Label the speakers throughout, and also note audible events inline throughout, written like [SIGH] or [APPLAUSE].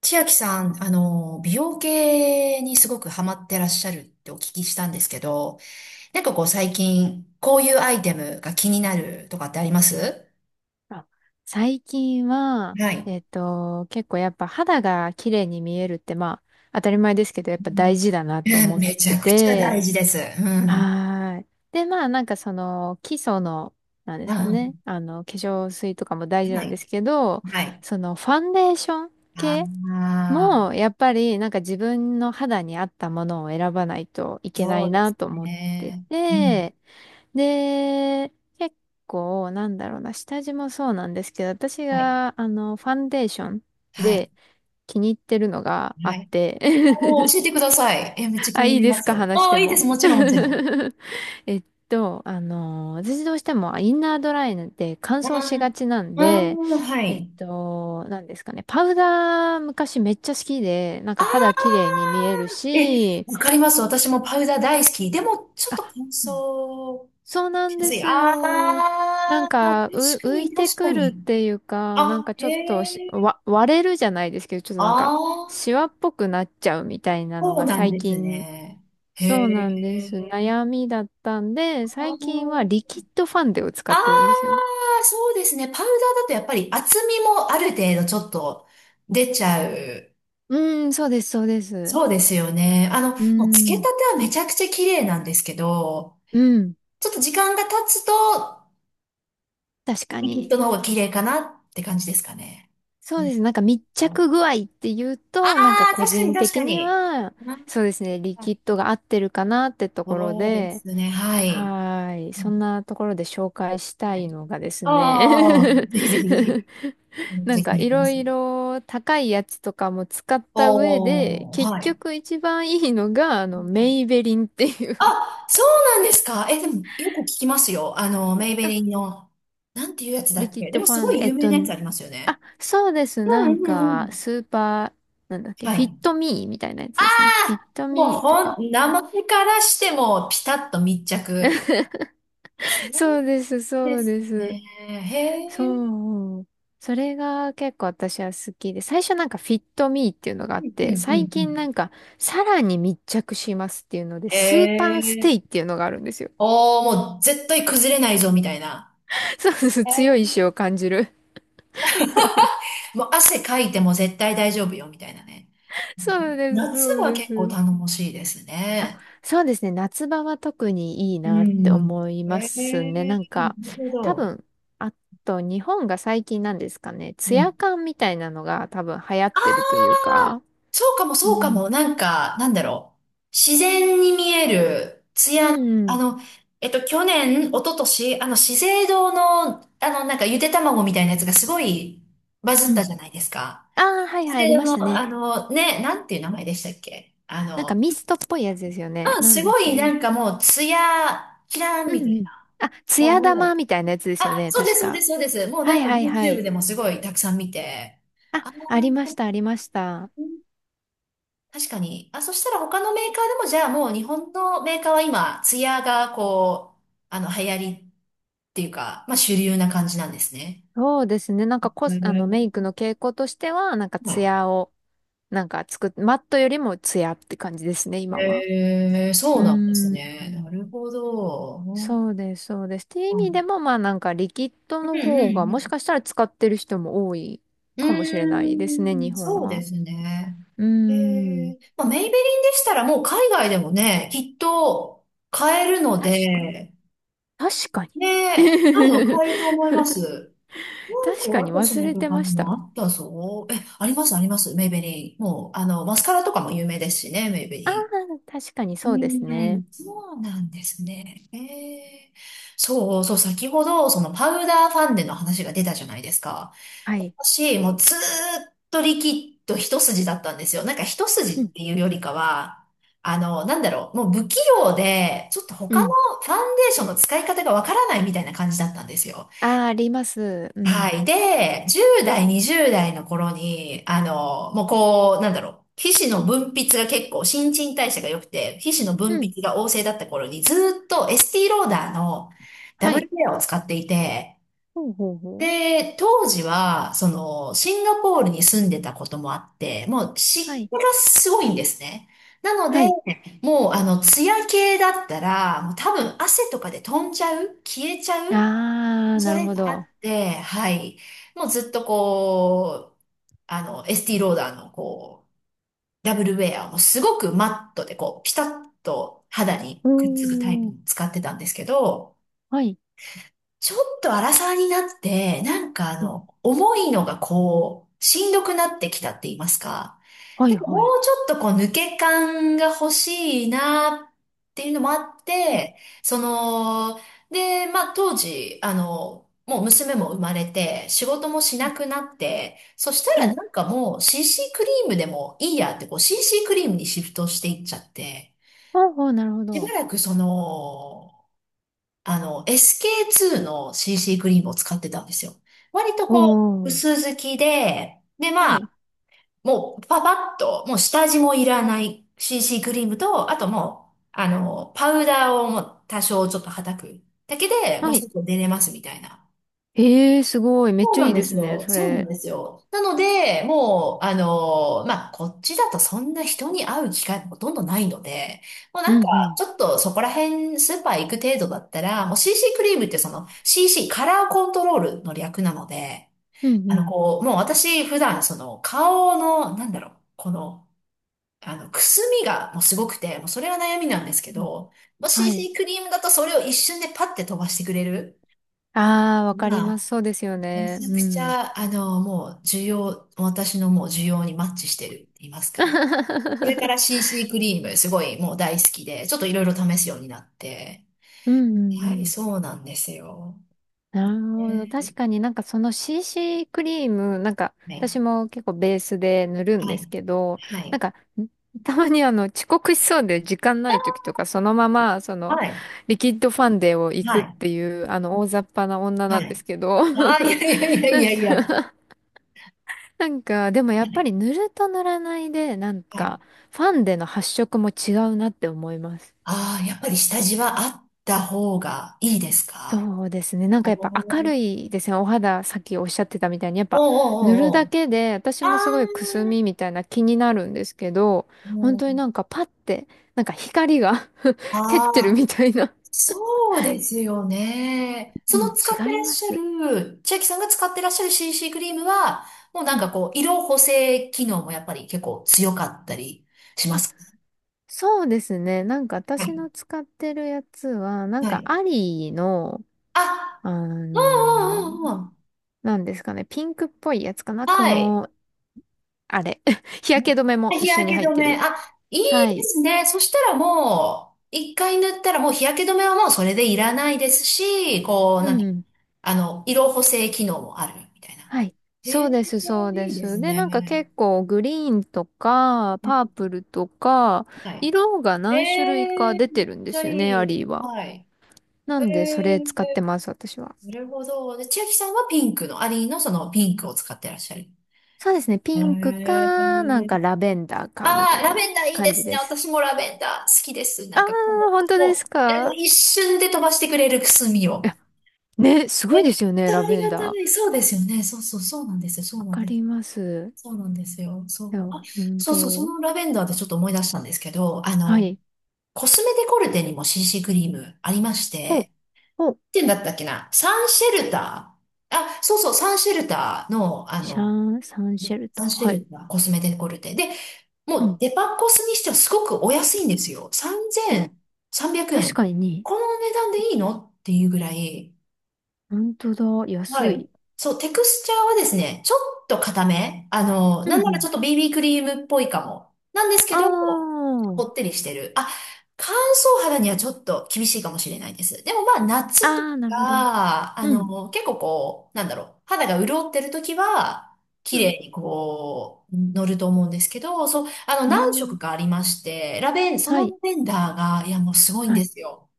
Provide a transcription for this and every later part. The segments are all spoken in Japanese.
Speaker 1: 千秋さん、美容系にすごくハマってらっしゃるってお聞きしたんですけど、なんかこう最近、こういうアイテムが気になるとかってあります？
Speaker 2: あ、最近は、
Speaker 1: はい。
Speaker 2: 結構やっぱ肌が綺麗に見えるって、まあ、当たり前ですけど、やっ
Speaker 1: う
Speaker 2: ぱ
Speaker 1: ん。
Speaker 2: 大事だなと
Speaker 1: えー
Speaker 2: 思っ
Speaker 1: めち
Speaker 2: て
Speaker 1: ゃくちゃ
Speaker 2: て。
Speaker 1: 大事です。うん。
Speaker 2: はーい。で、まあ、基礎の、なんですかね、
Speaker 1: あ、
Speaker 2: 化粧水とかも大事
Speaker 1: は
Speaker 2: なんで
Speaker 1: い。
Speaker 2: すけど、
Speaker 1: はい。
Speaker 2: その、ファンデーション
Speaker 1: あ
Speaker 2: 系も、
Speaker 1: あ、
Speaker 2: やっぱり、なんか自分の肌に合ったものを選ばないといけな
Speaker 1: そう
Speaker 2: い
Speaker 1: です
Speaker 2: なと思って
Speaker 1: ね。うん。
Speaker 2: て、で、結構、なんだろうな、下地もそうなんですけど、私
Speaker 1: はい。
Speaker 2: が、ファンデーション
Speaker 1: はい。
Speaker 2: で気に入ってるのがあ
Speaker 1: は
Speaker 2: っ
Speaker 1: い。
Speaker 2: て
Speaker 1: おー、教えてく
Speaker 2: [LAUGHS]
Speaker 1: ださい。えー、めっちゃ気
Speaker 2: あ、
Speaker 1: にな
Speaker 2: いい
Speaker 1: り
Speaker 2: で
Speaker 1: ま
Speaker 2: す
Speaker 1: す。
Speaker 2: か、話し
Speaker 1: お
Speaker 2: て
Speaker 1: ー、いいです。
Speaker 2: も。
Speaker 1: もちろん、もちろん。
Speaker 2: [LAUGHS] えっ私どうしてもインナードライで乾
Speaker 1: あ
Speaker 2: 燥し
Speaker 1: ー、
Speaker 2: がちなん
Speaker 1: あ
Speaker 2: で、
Speaker 1: ー、はい。
Speaker 2: なんですかね、パウダー昔めっちゃ好きで、なん
Speaker 1: あ
Speaker 2: か肌
Speaker 1: あ、
Speaker 2: 綺麗に見える
Speaker 1: え、
Speaker 2: し、
Speaker 1: わかります。私もパウダー大好き。でも、ちょっと
Speaker 2: あ、
Speaker 1: 乾
Speaker 2: うん、
Speaker 1: 燥
Speaker 2: そうな
Speaker 1: し
Speaker 2: ん
Speaker 1: や
Speaker 2: で
Speaker 1: すい。
Speaker 2: す
Speaker 1: ああ、
Speaker 2: よ。なん
Speaker 1: 確
Speaker 2: か、
Speaker 1: か
Speaker 2: 浮い
Speaker 1: に、
Speaker 2: て
Speaker 1: 確か
Speaker 2: くるっ
Speaker 1: に。
Speaker 2: ていうか、なん
Speaker 1: あ、
Speaker 2: かち
Speaker 1: へ
Speaker 2: ょっとし、
Speaker 1: え。
Speaker 2: わ、割れるじゃないですけど、ちょっとなんか、
Speaker 1: ああ、
Speaker 2: シワっぽくなっちゃうみたいなの
Speaker 1: そう
Speaker 2: が
Speaker 1: なん
Speaker 2: 最
Speaker 1: です
Speaker 2: 近、
Speaker 1: ね。へ
Speaker 2: そうなんです。
Speaker 1: え。
Speaker 2: 悩みだったんで、
Speaker 1: あ
Speaker 2: 最近は
Speaker 1: ー、
Speaker 2: リキッドファンデを使
Speaker 1: あ
Speaker 2: ってるんです
Speaker 1: ー、
Speaker 2: よ。
Speaker 1: そうですね。パウダーだとやっぱり厚みもある程度ちょっと出ちゃう。
Speaker 2: うん、そうです、そうです。
Speaker 1: そうですよね。
Speaker 2: う
Speaker 1: もうつけたて
Speaker 2: ん、
Speaker 1: はめちゃくちゃ綺麗なんですけど、
Speaker 2: うん、
Speaker 1: ちょっと時間が経つと
Speaker 2: 確か
Speaker 1: きっ
Speaker 2: に。
Speaker 1: との方が綺麗かなって感じですかね。
Speaker 2: そ
Speaker 1: う
Speaker 2: う
Speaker 1: ん、
Speaker 2: です。なんか密
Speaker 1: あ
Speaker 2: 着具合っていうと、なんか
Speaker 1: あ、
Speaker 2: 個
Speaker 1: 確かに
Speaker 2: 人
Speaker 1: 確
Speaker 2: 的
Speaker 1: か
Speaker 2: に
Speaker 1: に。
Speaker 2: は、
Speaker 1: なん
Speaker 2: そうですね、リキ
Speaker 1: か
Speaker 2: ッドが合ってるかなってところ
Speaker 1: そうで
Speaker 2: で、
Speaker 1: すね。はい。
Speaker 2: はーい。
Speaker 1: う
Speaker 2: そ
Speaker 1: ん。
Speaker 2: んなところで紹介した
Speaker 1: は
Speaker 2: い
Speaker 1: い。
Speaker 2: のがです
Speaker 1: ああ、
Speaker 2: ね。
Speaker 1: ぜひぜひぜひ。め
Speaker 2: [LAUGHS]
Speaker 1: っ
Speaker 2: な
Speaker 1: ち
Speaker 2: ん
Speaker 1: ゃ気
Speaker 2: か
Speaker 1: にな
Speaker 2: い
Speaker 1: りま
Speaker 2: ろ
Speaker 1: す。
Speaker 2: いろ高いやつとかも使った上で、
Speaker 1: おー、
Speaker 2: 結
Speaker 1: はい。
Speaker 2: 局一番いいのが、メイベリンっていう
Speaker 1: あ、そうなんですか？え、でも、よく聞きますよ。あの、メイベ
Speaker 2: [LAUGHS] あ、
Speaker 1: リンの、なんていうやつだ
Speaker 2: リ
Speaker 1: っ
Speaker 2: キッ
Speaker 1: け。で
Speaker 2: ド
Speaker 1: も、
Speaker 2: フ
Speaker 1: す
Speaker 2: ァン
Speaker 1: ご
Speaker 2: で、
Speaker 1: い有名なやつありますよね。
Speaker 2: あ、そうです。な
Speaker 1: う
Speaker 2: ん
Speaker 1: んうんう
Speaker 2: か、
Speaker 1: ん。
Speaker 2: スーパー、なんだっけ、
Speaker 1: はい。
Speaker 2: フィットミーみたいなやつ
Speaker 1: あ
Speaker 2: ですね。フィッ
Speaker 1: あ
Speaker 2: ト
Speaker 1: もう、
Speaker 2: ミーと
Speaker 1: ほ
Speaker 2: か。
Speaker 1: ん、名前からしても、ピタッと密着。
Speaker 2: [LAUGHS]
Speaker 1: そ
Speaker 2: そうです、
Speaker 1: うで
Speaker 2: そう
Speaker 1: す
Speaker 2: です。
Speaker 1: ね。へえ。
Speaker 2: そう。それが結構私は好きで、最初なんかフィットミーっていうのがあ
Speaker 1: う
Speaker 2: っ
Speaker 1: んう
Speaker 2: て、
Speaker 1: んう
Speaker 2: 最近
Speaker 1: ん。
Speaker 2: なんかさらに密着しますっていうので、
Speaker 1: え
Speaker 2: スーパーステイ
Speaker 1: え。
Speaker 2: っていうのがあるんですよ。
Speaker 1: おー、もう絶対崩れないぞ、みたいな。
Speaker 2: [LAUGHS] そうです。
Speaker 1: へ
Speaker 2: 強
Speaker 1: え。
Speaker 2: い意志を感じる。
Speaker 1: もう汗かいても絶対大丈夫よ、みたいなね。
Speaker 2: [LAUGHS] そうです、
Speaker 1: 夏
Speaker 2: そう
Speaker 1: は
Speaker 2: で
Speaker 1: 結構
Speaker 2: す。
Speaker 1: 頼もしいですね。
Speaker 2: そうですね。夏場は特にいい
Speaker 1: う
Speaker 2: なって
Speaker 1: ん。
Speaker 2: 思いま
Speaker 1: え
Speaker 2: すね。
Speaker 1: え、な
Speaker 2: なんか、
Speaker 1: るほ
Speaker 2: 多
Speaker 1: ど。
Speaker 2: 分、あと日本が最近なんですかね。
Speaker 1: う
Speaker 2: ツヤ
Speaker 1: ん。
Speaker 2: 感みたいなのが多分流行ってる
Speaker 1: あ、
Speaker 2: というか。
Speaker 1: そうかも
Speaker 2: う
Speaker 1: そうか
Speaker 2: ん。
Speaker 1: も、なんか、なんだろう。自然に見える、
Speaker 2: う
Speaker 1: 艶の、
Speaker 2: んう
Speaker 1: あ
Speaker 2: ん。
Speaker 1: の、去年、一昨年、あの、資生堂の、あの、なんか、ゆで卵みたいなやつがすごいバズ
Speaker 2: う
Speaker 1: った
Speaker 2: ん。
Speaker 1: じゃないですか。
Speaker 2: ああ、はい
Speaker 1: 資
Speaker 2: はい、あ
Speaker 1: 生
Speaker 2: り
Speaker 1: 堂
Speaker 2: ました
Speaker 1: の、
Speaker 2: ね。
Speaker 1: あの、ね、なんていう名前でしたっけあ
Speaker 2: なんか
Speaker 1: の、
Speaker 2: ミストっぽいやつですよね。
Speaker 1: うん、
Speaker 2: な
Speaker 1: す
Speaker 2: んだっ
Speaker 1: ごい、な
Speaker 2: け。
Speaker 1: んかもう、艶、キラーン
Speaker 2: う
Speaker 1: みた
Speaker 2: んう
Speaker 1: い
Speaker 2: ん。
Speaker 1: な。
Speaker 2: あ、艶
Speaker 1: お
Speaker 2: 玉
Speaker 1: う、
Speaker 2: みたいなやつですよ
Speaker 1: あ、
Speaker 2: ね。
Speaker 1: そうで
Speaker 2: 確
Speaker 1: す、そうで
Speaker 2: か。
Speaker 1: す、そうです。もう
Speaker 2: は
Speaker 1: なん
Speaker 2: い
Speaker 1: か
Speaker 2: はいは
Speaker 1: YouTube
Speaker 2: い。
Speaker 1: でもすごいたくさん見て。
Speaker 2: あ、
Speaker 1: ああ、
Speaker 2: ありました、ありました。
Speaker 1: 確かに。あ、そしたら他のメーカーでも、じゃあもう日本のメーカーは今、ツヤがこう、あの、流行りっていうか、まあ主流な感じなんですね。
Speaker 2: そうですね。なんかコ
Speaker 1: へ
Speaker 2: ス、あの、メイク
Speaker 1: ー、
Speaker 2: の傾向としては、なんか
Speaker 1: は
Speaker 2: ツヤを、なんか作っ、マットよりもツヤって感じですね、
Speaker 1: い。
Speaker 2: 今は。
Speaker 1: えー、
Speaker 2: う
Speaker 1: そう
Speaker 2: ー
Speaker 1: なんですね。
Speaker 2: ん。
Speaker 1: なるほど。うん
Speaker 2: そうです、そうです。っていう意
Speaker 1: う
Speaker 2: 味で
Speaker 1: ん
Speaker 2: も、まあなんかリキッド
Speaker 1: う
Speaker 2: の方が、もし
Speaker 1: ん
Speaker 2: かしたら使ってる人も多い
Speaker 1: う
Speaker 2: かもしれな
Speaker 1: ん。
Speaker 2: いですね、
Speaker 1: うー
Speaker 2: 日
Speaker 1: ん、
Speaker 2: 本
Speaker 1: そうで
Speaker 2: は。
Speaker 1: すね。
Speaker 2: う
Speaker 1: え
Speaker 2: ーん。
Speaker 1: ー、まあ、メイベリンでしたらもう海外でもね、きっと買えるの
Speaker 2: 確かに。
Speaker 1: で、
Speaker 2: 確かに。
Speaker 1: ね、多分買えると思います。
Speaker 2: [LAUGHS]
Speaker 1: なん
Speaker 2: 確か
Speaker 1: かア
Speaker 2: に
Speaker 1: トス
Speaker 2: 忘
Speaker 1: の
Speaker 2: れ
Speaker 1: と
Speaker 2: て
Speaker 1: か
Speaker 2: ま
Speaker 1: に
Speaker 2: し
Speaker 1: もあ
Speaker 2: た。
Speaker 1: ったぞ。え、ありますあります、メイベリー。もう、あの、マスカラとかも有名ですしね、メイベ
Speaker 2: ああ、
Speaker 1: リ
Speaker 2: 確かに
Speaker 1: ー。
Speaker 2: そうです
Speaker 1: う
Speaker 2: ね。
Speaker 1: ん、そうなんですね。えー、そうそう、先ほど、そのパウダーファンデの話が出たじゃないですか。
Speaker 2: はい。
Speaker 1: 私、もうずーっとリキッド一筋だったんですよ。なんか一筋
Speaker 2: う
Speaker 1: っ
Speaker 2: ん。
Speaker 1: ていうよりかは、あの、なんだろう、もう不器用で、ちょっと
Speaker 2: う
Speaker 1: 他の
Speaker 2: ん。
Speaker 1: ファンデーションの使い方がわからないみたいな感じだったんですよ。
Speaker 2: ああ、あります。う
Speaker 1: は
Speaker 2: ん。
Speaker 1: い。で、10代、20代の頃に、あの、もうこう、なんだろう。皮脂の分泌が結構、新陳代謝が良くて、皮脂の分
Speaker 2: うん。
Speaker 1: 泌が旺盛だった頃に、ずーっとエスティローダーのダ
Speaker 2: は
Speaker 1: ブ
Speaker 2: い。
Speaker 1: ルケアを使っていて、
Speaker 2: ほうほうほう。
Speaker 1: で、当時は、その、シンガポールに住んでたこともあって、もう
Speaker 2: は
Speaker 1: 湿気
Speaker 2: い。
Speaker 1: がすごいんですね。なの
Speaker 2: は
Speaker 1: で、
Speaker 2: い。
Speaker 1: もう、あの、ツヤ系だったら、もう多分汗とかで飛んじゃう消えちゃう
Speaker 2: ああ、な
Speaker 1: そ
Speaker 2: る
Speaker 1: れ
Speaker 2: ほ
Speaker 1: があ
Speaker 2: ど。
Speaker 1: って、はい。もうずっとこう、あの、エスティローダーのこう、ダブルウェアもすごくマットでこう、ピタッと肌に
Speaker 2: お
Speaker 1: くっつくタイプを
Speaker 2: ー。
Speaker 1: 使ってたんですけど、
Speaker 2: はい。
Speaker 1: ちょっと荒さになって、なんかあ
Speaker 2: うん。
Speaker 1: の、重いのがこう、しんどくなってきたって言いますか。
Speaker 2: は
Speaker 1: な
Speaker 2: い
Speaker 1: んかも
Speaker 2: はい。
Speaker 1: うちょっとこう、抜け感が欲しいなっていうのもあっ
Speaker 2: うん。
Speaker 1: て、その、で、まあ当時、あの、もう娘も生まれて、仕事もし
Speaker 2: は
Speaker 1: な
Speaker 2: い。
Speaker 1: くなって、そした
Speaker 2: は
Speaker 1: ら
Speaker 2: い。
Speaker 1: なんかもう CC クリームでもいいやって、こう CC クリームにシフトしていっちゃって、
Speaker 2: ほうほう、なるほ
Speaker 1: しば
Speaker 2: ど。
Speaker 1: らくその、あの、SK2 の CC クリームを使ってたんですよ。割と
Speaker 2: お
Speaker 1: こう、薄
Speaker 2: ー。
Speaker 1: 付きで、
Speaker 2: はい。
Speaker 1: もうパパッと、もう下地もいらない CC クリームと、あともう、あの、パウダーをもう多少ちょっと叩くだけで、も
Speaker 2: は
Speaker 1: う
Speaker 2: い。
Speaker 1: 外出れますみたいな。
Speaker 2: ええー、すごい。めっ
Speaker 1: そ
Speaker 2: ち
Speaker 1: う
Speaker 2: ゃ
Speaker 1: な
Speaker 2: い
Speaker 1: ん
Speaker 2: い
Speaker 1: で
Speaker 2: で
Speaker 1: す
Speaker 2: すね、
Speaker 1: よ。
Speaker 2: そ
Speaker 1: そうなん
Speaker 2: れ。
Speaker 1: ですよ。なので、もう、あのーまあ、こっちだとそんな人に会う機会もほとんどないので、もう
Speaker 2: う
Speaker 1: なんか、
Speaker 2: んうん。
Speaker 1: ちょっとそこら辺スーパー行く程度だったら、もう CC クリームってその CC、カラーコントロールの略なので、
Speaker 2: うんう
Speaker 1: あの、
Speaker 2: ん。
Speaker 1: こう、もう私普段その顔の、なんだろう、この、あの、くすみがもうすごくて、もうそれが悩みなんですけ
Speaker 2: うん、
Speaker 1: ど、もう
Speaker 2: はい。
Speaker 1: CC クリームだとそれを一瞬でパッて飛ばしてくれる。
Speaker 2: ああ、わか
Speaker 1: ま
Speaker 2: ります。
Speaker 1: あ
Speaker 2: そうですよ
Speaker 1: め
Speaker 2: ね。
Speaker 1: ちゃ
Speaker 2: う
Speaker 1: くち
Speaker 2: ん。
Speaker 1: ゃ、あの、もう、需要、私のもう需要にマッチしてるって言いますか。これから
Speaker 2: [LAUGHS]
Speaker 1: CC クリーム、すごいもう大好きで、ちょっといろいろ試すようになって。
Speaker 2: うんうん
Speaker 1: はい、
Speaker 2: うん。
Speaker 1: そうなんですよ。
Speaker 2: なるほど。確
Speaker 1: ね、
Speaker 2: かになんかその CC クリーム、なんか
Speaker 1: はい、
Speaker 2: 私も結構ベースで塗るん
Speaker 1: は
Speaker 2: です
Speaker 1: い、
Speaker 2: けど、
Speaker 1: は
Speaker 2: なん
Speaker 1: い、
Speaker 2: かたまにあの遅刻しそうで時間ない時とかそのままその
Speaker 1: はい、
Speaker 2: リキッドファンデを行
Speaker 1: は
Speaker 2: くっ
Speaker 1: い、
Speaker 2: ていうあの大雑把な女
Speaker 1: は
Speaker 2: なんで
Speaker 1: い。
Speaker 2: すけど、
Speaker 1: あー、い
Speaker 2: [LAUGHS]
Speaker 1: やいやいや
Speaker 2: な
Speaker 1: い
Speaker 2: ん
Speaker 1: やいや。は
Speaker 2: か、[LAUGHS] なんかでもやっぱ
Speaker 1: い、
Speaker 2: り塗ると塗らないでなん
Speaker 1: はい。
Speaker 2: かファンデの発色も違うなって思います。
Speaker 1: ああ、やっぱり下地はあった方がいいですか？
Speaker 2: そうですね。なん
Speaker 1: お
Speaker 2: か
Speaker 1: ー
Speaker 2: やっぱ明
Speaker 1: お
Speaker 2: る
Speaker 1: ー
Speaker 2: いですね。お肌、さっきおっしゃってたみたいに、やっ
Speaker 1: お
Speaker 2: ぱ塗る
Speaker 1: ーおーお
Speaker 2: だ
Speaker 1: ー。
Speaker 2: けで、私
Speaker 1: あ
Speaker 2: もすごいくすみみ
Speaker 1: あ、
Speaker 2: たいな気になるんですけど、本
Speaker 1: もう、
Speaker 2: 当になんかパッて、なんか光が [LAUGHS] 照っ
Speaker 1: あ
Speaker 2: てる
Speaker 1: あ、
Speaker 2: みたいな。
Speaker 1: そうですよね。そ
Speaker 2: う
Speaker 1: の
Speaker 2: ん、
Speaker 1: 使って
Speaker 2: 違い
Speaker 1: らっ
Speaker 2: ま
Speaker 1: しゃ
Speaker 2: す。
Speaker 1: る、千秋さんが使ってらっしゃる CC クリームは、もう
Speaker 2: う
Speaker 1: なん
Speaker 2: ん。
Speaker 1: かこう、色補正機能もやっぱり結構強かったりしま
Speaker 2: あ、
Speaker 1: すか？
Speaker 2: そうですね。なんか
Speaker 1: は
Speaker 2: 私
Speaker 1: い。
Speaker 2: の使ってるやつは、なん
Speaker 1: は
Speaker 2: か
Speaker 1: い。
Speaker 2: アリーの、
Speaker 1: あ、
Speaker 2: あ
Speaker 1: う
Speaker 2: の
Speaker 1: んうんう
Speaker 2: ー
Speaker 1: んうん。
Speaker 2: なんですかね、ピンクっぽいやつかな。こ
Speaker 1: はい。
Speaker 2: の、あれ。[LAUGHS] 日焼け止めも
Speaker 1: 日
Speaker 2: 一緒に
Speaker 1: 焼
Speaker 2: 入
Speaker 1: け
Speaker 2: っ
Speaker 1: 止
Speaker 2: て
Speaker 1: め。
Speaker 2: る。
Speaker 1: あ、いい
Speaker 2: は
Speaker 1: で
Speaker 2: い。
Speaker 1: すね。そしたらもう、一回塗ったらもう日焼け止めはもうそれでいらないですし、こう、
Speaker 2: う
Speaker 1: 何
Speaker 2: ん。
Speaker 1: あの、色補正機能もあるみたいな。
Speaker 2: はい。
Speaker 1: へ
Speaker 2: そ
Speaker 1: え、
Speaker 2: うです、そうで
Speaker 1: いいで
Speaker 2: す。
Speaker 1: す
Speaker 2: で、
Speaker 1: ね。
Speaker 2: なんか結構グリーンとか、パープルとか、
Speaker 1: は
Speaker 2: 色が
Speaker 1: い。え
Speaker 2: 何種類か
Speaker 1: え
Speaker 2: 出
Speaker 1: ーめ
Speaker 2: て
Speaker 1: っ
Speaker 2: るんで
Speaker 1: ちゃ
Speaker 2: すよね、
Speaker 1: い
Speaker 2: アリ
Speaker 1: い。
Speaker 2: ーは。
Speaker 1: はい。
Speaker 2: な
Speaker 1: え
Speaker 2: んで、そ
Speaker 1: え
Speaker 2: れ使ってます、私は。
Speaker 1: ー、なるほど。で、千秋さんはピンクの、アリーのそのピンクを使ってらっしゃる。
Speaker 2: そうですね、
Speaker 1: え
Speaker 2: ピンクか、な
Speaker 1: え
Speaker 2: んか
Speaker 1: ー、
Speaker 2: ラベンダーか、み
Speaker 1: あ
Speaker 2: た
Speaker 1: あ、
Speaker 2: い
Speaker 1: ラ
Speaker 2: な
Speaker 1: ベンダーいい
Speaker 2: 感
Speaker 1: で
Speaker 2: じ
Speaker 1: す
Speaker 2: で
Speaker 1: ね。
Speaker 2: す。
Speaker 1: 私もラベンダー好きです。
Speaker 2: あ
Speaker 1: な
Speaker 2: ー、
Speaker 1: んかこ
Speaker 2: 本当
Speaker 1: う、
Speaker 2: です
Speaker 1: もう、えもう
Speaker 2: か。
Speaker 1: 一瞬で飛ばしてくれるくすみ
Speaker 2: い
Speaker 1: を。
Speaker 2: や、ね、す
Speaker 1: め
Speaker 2: ごい
Speaker 1: っ
Speaker 2: ですよ
Speaker 1: ち
Speaker 2: ね、
Speaker 1: ゃ
Speaker 2: ラ
Speaker 1: あり
Speaker 2: ベ
Speaker 1: が
Speaker 2: ンダー。
Speaker 1: たい。そうですよね。そうそう、そうなんですよ。そう
Speaker 2: わ
Speaker 1: なん
Speaker 2: か
Speaker 1: です。
Speaker 2: ります。
Speaker 1: そうなんですよ。そ
Speaker 2: で
Speaker 1: う。あ、
Speaker 2: は、うん
Speaker 1: そうそう、そ
Speaker 2: と、
Speaker 1: のラベンダーでちょっと思い出したんですけど、あ
Speaker 2: は
Speaker 1: の、
Speaker 2: い。
Speaker 1: コスメデコルテにも CC クリームありまして、
Speaker 2: お、お、
Speaker 1: て言うんだったっけなサンシェルターあ、そうそう、サンシェルターの、あ
Speaker 2: シャ
Speaker 1: の、
Speaker 2: ン、サンシ
Speaker 1: ね
Speaker 2: ェル
Speaker 1: サ
Speaker 2: ト。
Speaker 1: ンシェ
Speaker 2: はい。
Speaker 1: ルター、コスメデコルテ。で、
Speaker 2: う
Speaker 1: もう
Speaker 2: ん。
Speaker 1: デパコスにしてはすごくお安いんですよ。
Speaker 2: え、
Speaker 1: 3300
Speaker 2: 確
Speaker 1: 円。
Speaker 2: かに
Speaker 1: この値段でいいのっていうぐらい、
Speaker 2: 本当だ。
Speaker 1: は
Speaker 2: 安
Speaker 1: い。
Speaker 2: い。
Speaker 1: そう、テクスチャーはですね、ちょっと硬め。あの、
Speaker 2: う
Speaker 1: なん
Speaker 2: ん
Speaker 1: な
Speaker 2: う
Speaker 1: らち
Speaker 2: ん。
Speaker 1: ょっと BB クリームっぽいかも。なんですけ
Speaker 2: あ
Speaker 1: ど、こってりしてる。あ、乾燥肌にはちょっと厳しいかもしれないです。でもまあ、
Speaker 2: あ。
Speaker 1: 夏と
Speaker 2: ああ、なるほど。
Speaker 1: か、あ
Speaker 2: うん。
Speaker 1: の、結構こう、なんだろう、肌が潤ってる時は、綺
Speaker 2: うん。
Speaker 1: 麗にこう、乗ると思うんですけど、そう、あの、
Speaker 2: へ
Speaker 1: 何
Speaker 2: え。
Speaker 1: 色かありまして、ラベン、そ
Speaker 2: は
Speaker 1: のラ
Speaker 2: い。
Speaker 1: ベンダーが、いや、もうすごいん
Speaker 2: は
Speaker 1: で
Speaker 2: い。
Speaker 1: すよ。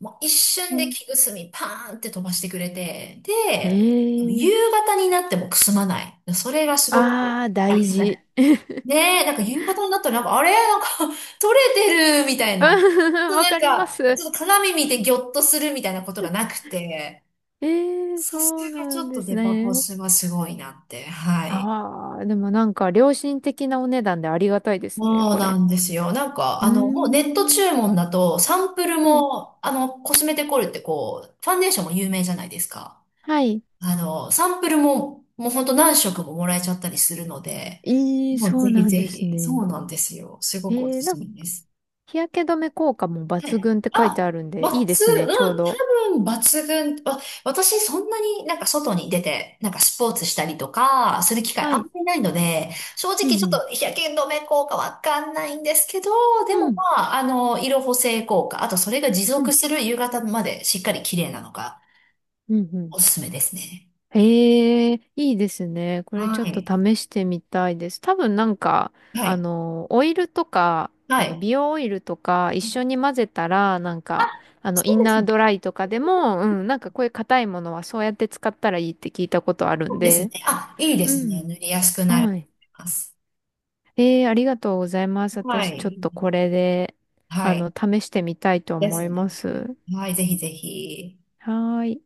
Speaker 1: もう一瞬
Speaker 2: う
Speaker 1: で
Speaker 2: ん、
Speaker 1: 木くすみパーンって飛ばしてくれて、
Speaker 2: へ
Speaker 1: で、夕
Speaker 2: え。
Speaker 1: 方になってもくすまない。それがすごく
Speaker 2: ああ、
Speaker 1: あ
Speaker 2: 大
Speaker 1: りがたく。
Speaker 2: 事。[LAUGHS]
Speaker 1: ねえ、なんか夕方になったらなんか、あれなんか [LAUGHS] 取れてるみたい
Speaker 2: う、
Speaker 1: な。
Speaker 2: わ
Speaker 1: なん
Speaker 2: かりま
Speaker 1: か、
Speaker 2: す。
Speaker 1: ちょっと鏡見てギョッとするみたいなことがなくて、
Speaker 2: ええ、
Speaker 1: さす
Speaker 2: そう
Speaker 1: が
Speaker 2: な
Speaker 1: ちょ
Speaker 2: ん
Speaker 1: っ
Speaker 2: で
Speaker 1: と
Speaker 2: す
Speaker 1: デパコ
Speaker 2: ね。
Speaker 1: スはすごいなって。はい。
Speaker 2: ああ、でもなんか良心的なお値段でありがたいですね、
Speaker 1: そう
Speaker 2: こ
Speaker 1: な
Speaker 2: れ。
Speaker 1: んですよ。なんか、
Speaker 2: う
Speaker 1: あの、もうネット
Speaker 2: ーん。
Speaker 1: 注文だと、サンプル
Speaker 2: うん。
Speaker 1: も、あの、コスメデコルってこう、ファンデーションも有名じゃないですか。
Speaker 2: はい。
Speaker 1: あの、サンプルも、もうほんと何色ももらえちゃったりするので、
Speaker 2: ええ、
Speaker 1: もう
Speaker 2: そ
Speaker 1: ぜ
Speaker 2: う
Speaker 1: ひ
Speaker 2: なん
Speaker 1: ぜ
Speaker 2: です
Speaker 1: ひ、そ
Speaker 2: ね。
Speaker 1: うなんですよ。すごくお
Speaker 2: ええ、
Speaker 1: す
Speaker 2: な
Speaker 1: す
Speaker 2: んか
Speaker 1: めです。
Speaker 2: 日焼け止め効果も
Speaker 1: は
Speaker 2: 抜
Speaker 1: い。
Speaker 2: 群って書いて
Speaker 1: あ、
Speaker 2: あるん
Speaker 1: 抜
Speaker 2: で、いいです
Speaker 1: 群、
Speaker 2: ね、
Speaker 1: う
Speaker 2: ちょうど。
Speaker 1: ん、多分抜群。わ私そんなになんか外に出て、なんかスポーツしたりとか、する機会
Speaker 2: は
Speaker 1: あんま
Speaker 2: い。
Speaker 1: りないので、正
Speaker 2: う
Speaker 1: 直ち
Speaker 2: ん
Speaker 1: ょ
Speaker 2: う
Speaker 1: っ
Speaker 2: ん。
Speaker 1: と日焼け止め効果わかんないんですけど、で
Speaker 2: う
Speaker 1: も
Speaker 2: ん。
Speaker 1: まあ、あの、色補正効果、あとそれが持
Speaker 2: う
Speaker 1: 続
Speaker 2: ん。
Speaker 1: する夕方までしっかり綺麗なのが
Speaker 2: うんうん。
Speaker 1: おすすめですね。
Speaker 2: へえ、いいですね。これ
Speaker 1: は
Speaker 2: ちょっと
Speaker 1: い。
Speaker 2: 試してみたいです。多分なんか、
Speaker 1: はい。
Speaker 2: オイルとか、
Speaker 1: はい。
Speaker 2: 美容オイルとか一緒に混ぜたら、なん
Speaker 1: あ、
Speaker 2: か、
Speaker 1: そう
Speaker 2: イン
Speaker 1: です
Speaker 2: ナー
Speaker 1: ね。
Speaker 2: ドライとかでも、うん、なんかこういう硬いものはそうやって使ったらいいって聞いたことある
Speaker 1: そ
Speaker 2: ん
Speaker 1: うですね。
Speaker 2: で。
Speaker 1: あ、いいで
Speaker 2: う
Speaker 1: すね。
Speaker 2: ん。
Speaker 1: 塗りやすくなると
Speaker 2: はい。
Speaker 1: 思います。
Speaker 2: えー、ありがとうございます。
Speaker 1: は
Speaker 2: 私ちょっ
Speaker 1: い。
Speaker 2: とこれで、
Speaker 1: はい。
Speaker 2: 試してみたいと
Speaker 1: です
Speaker 2: 思い
Speaker 1: ね。
Speaker 2: ます。
Speaker 1: はい。ぜひぜひ。
Speaker 2: はーい。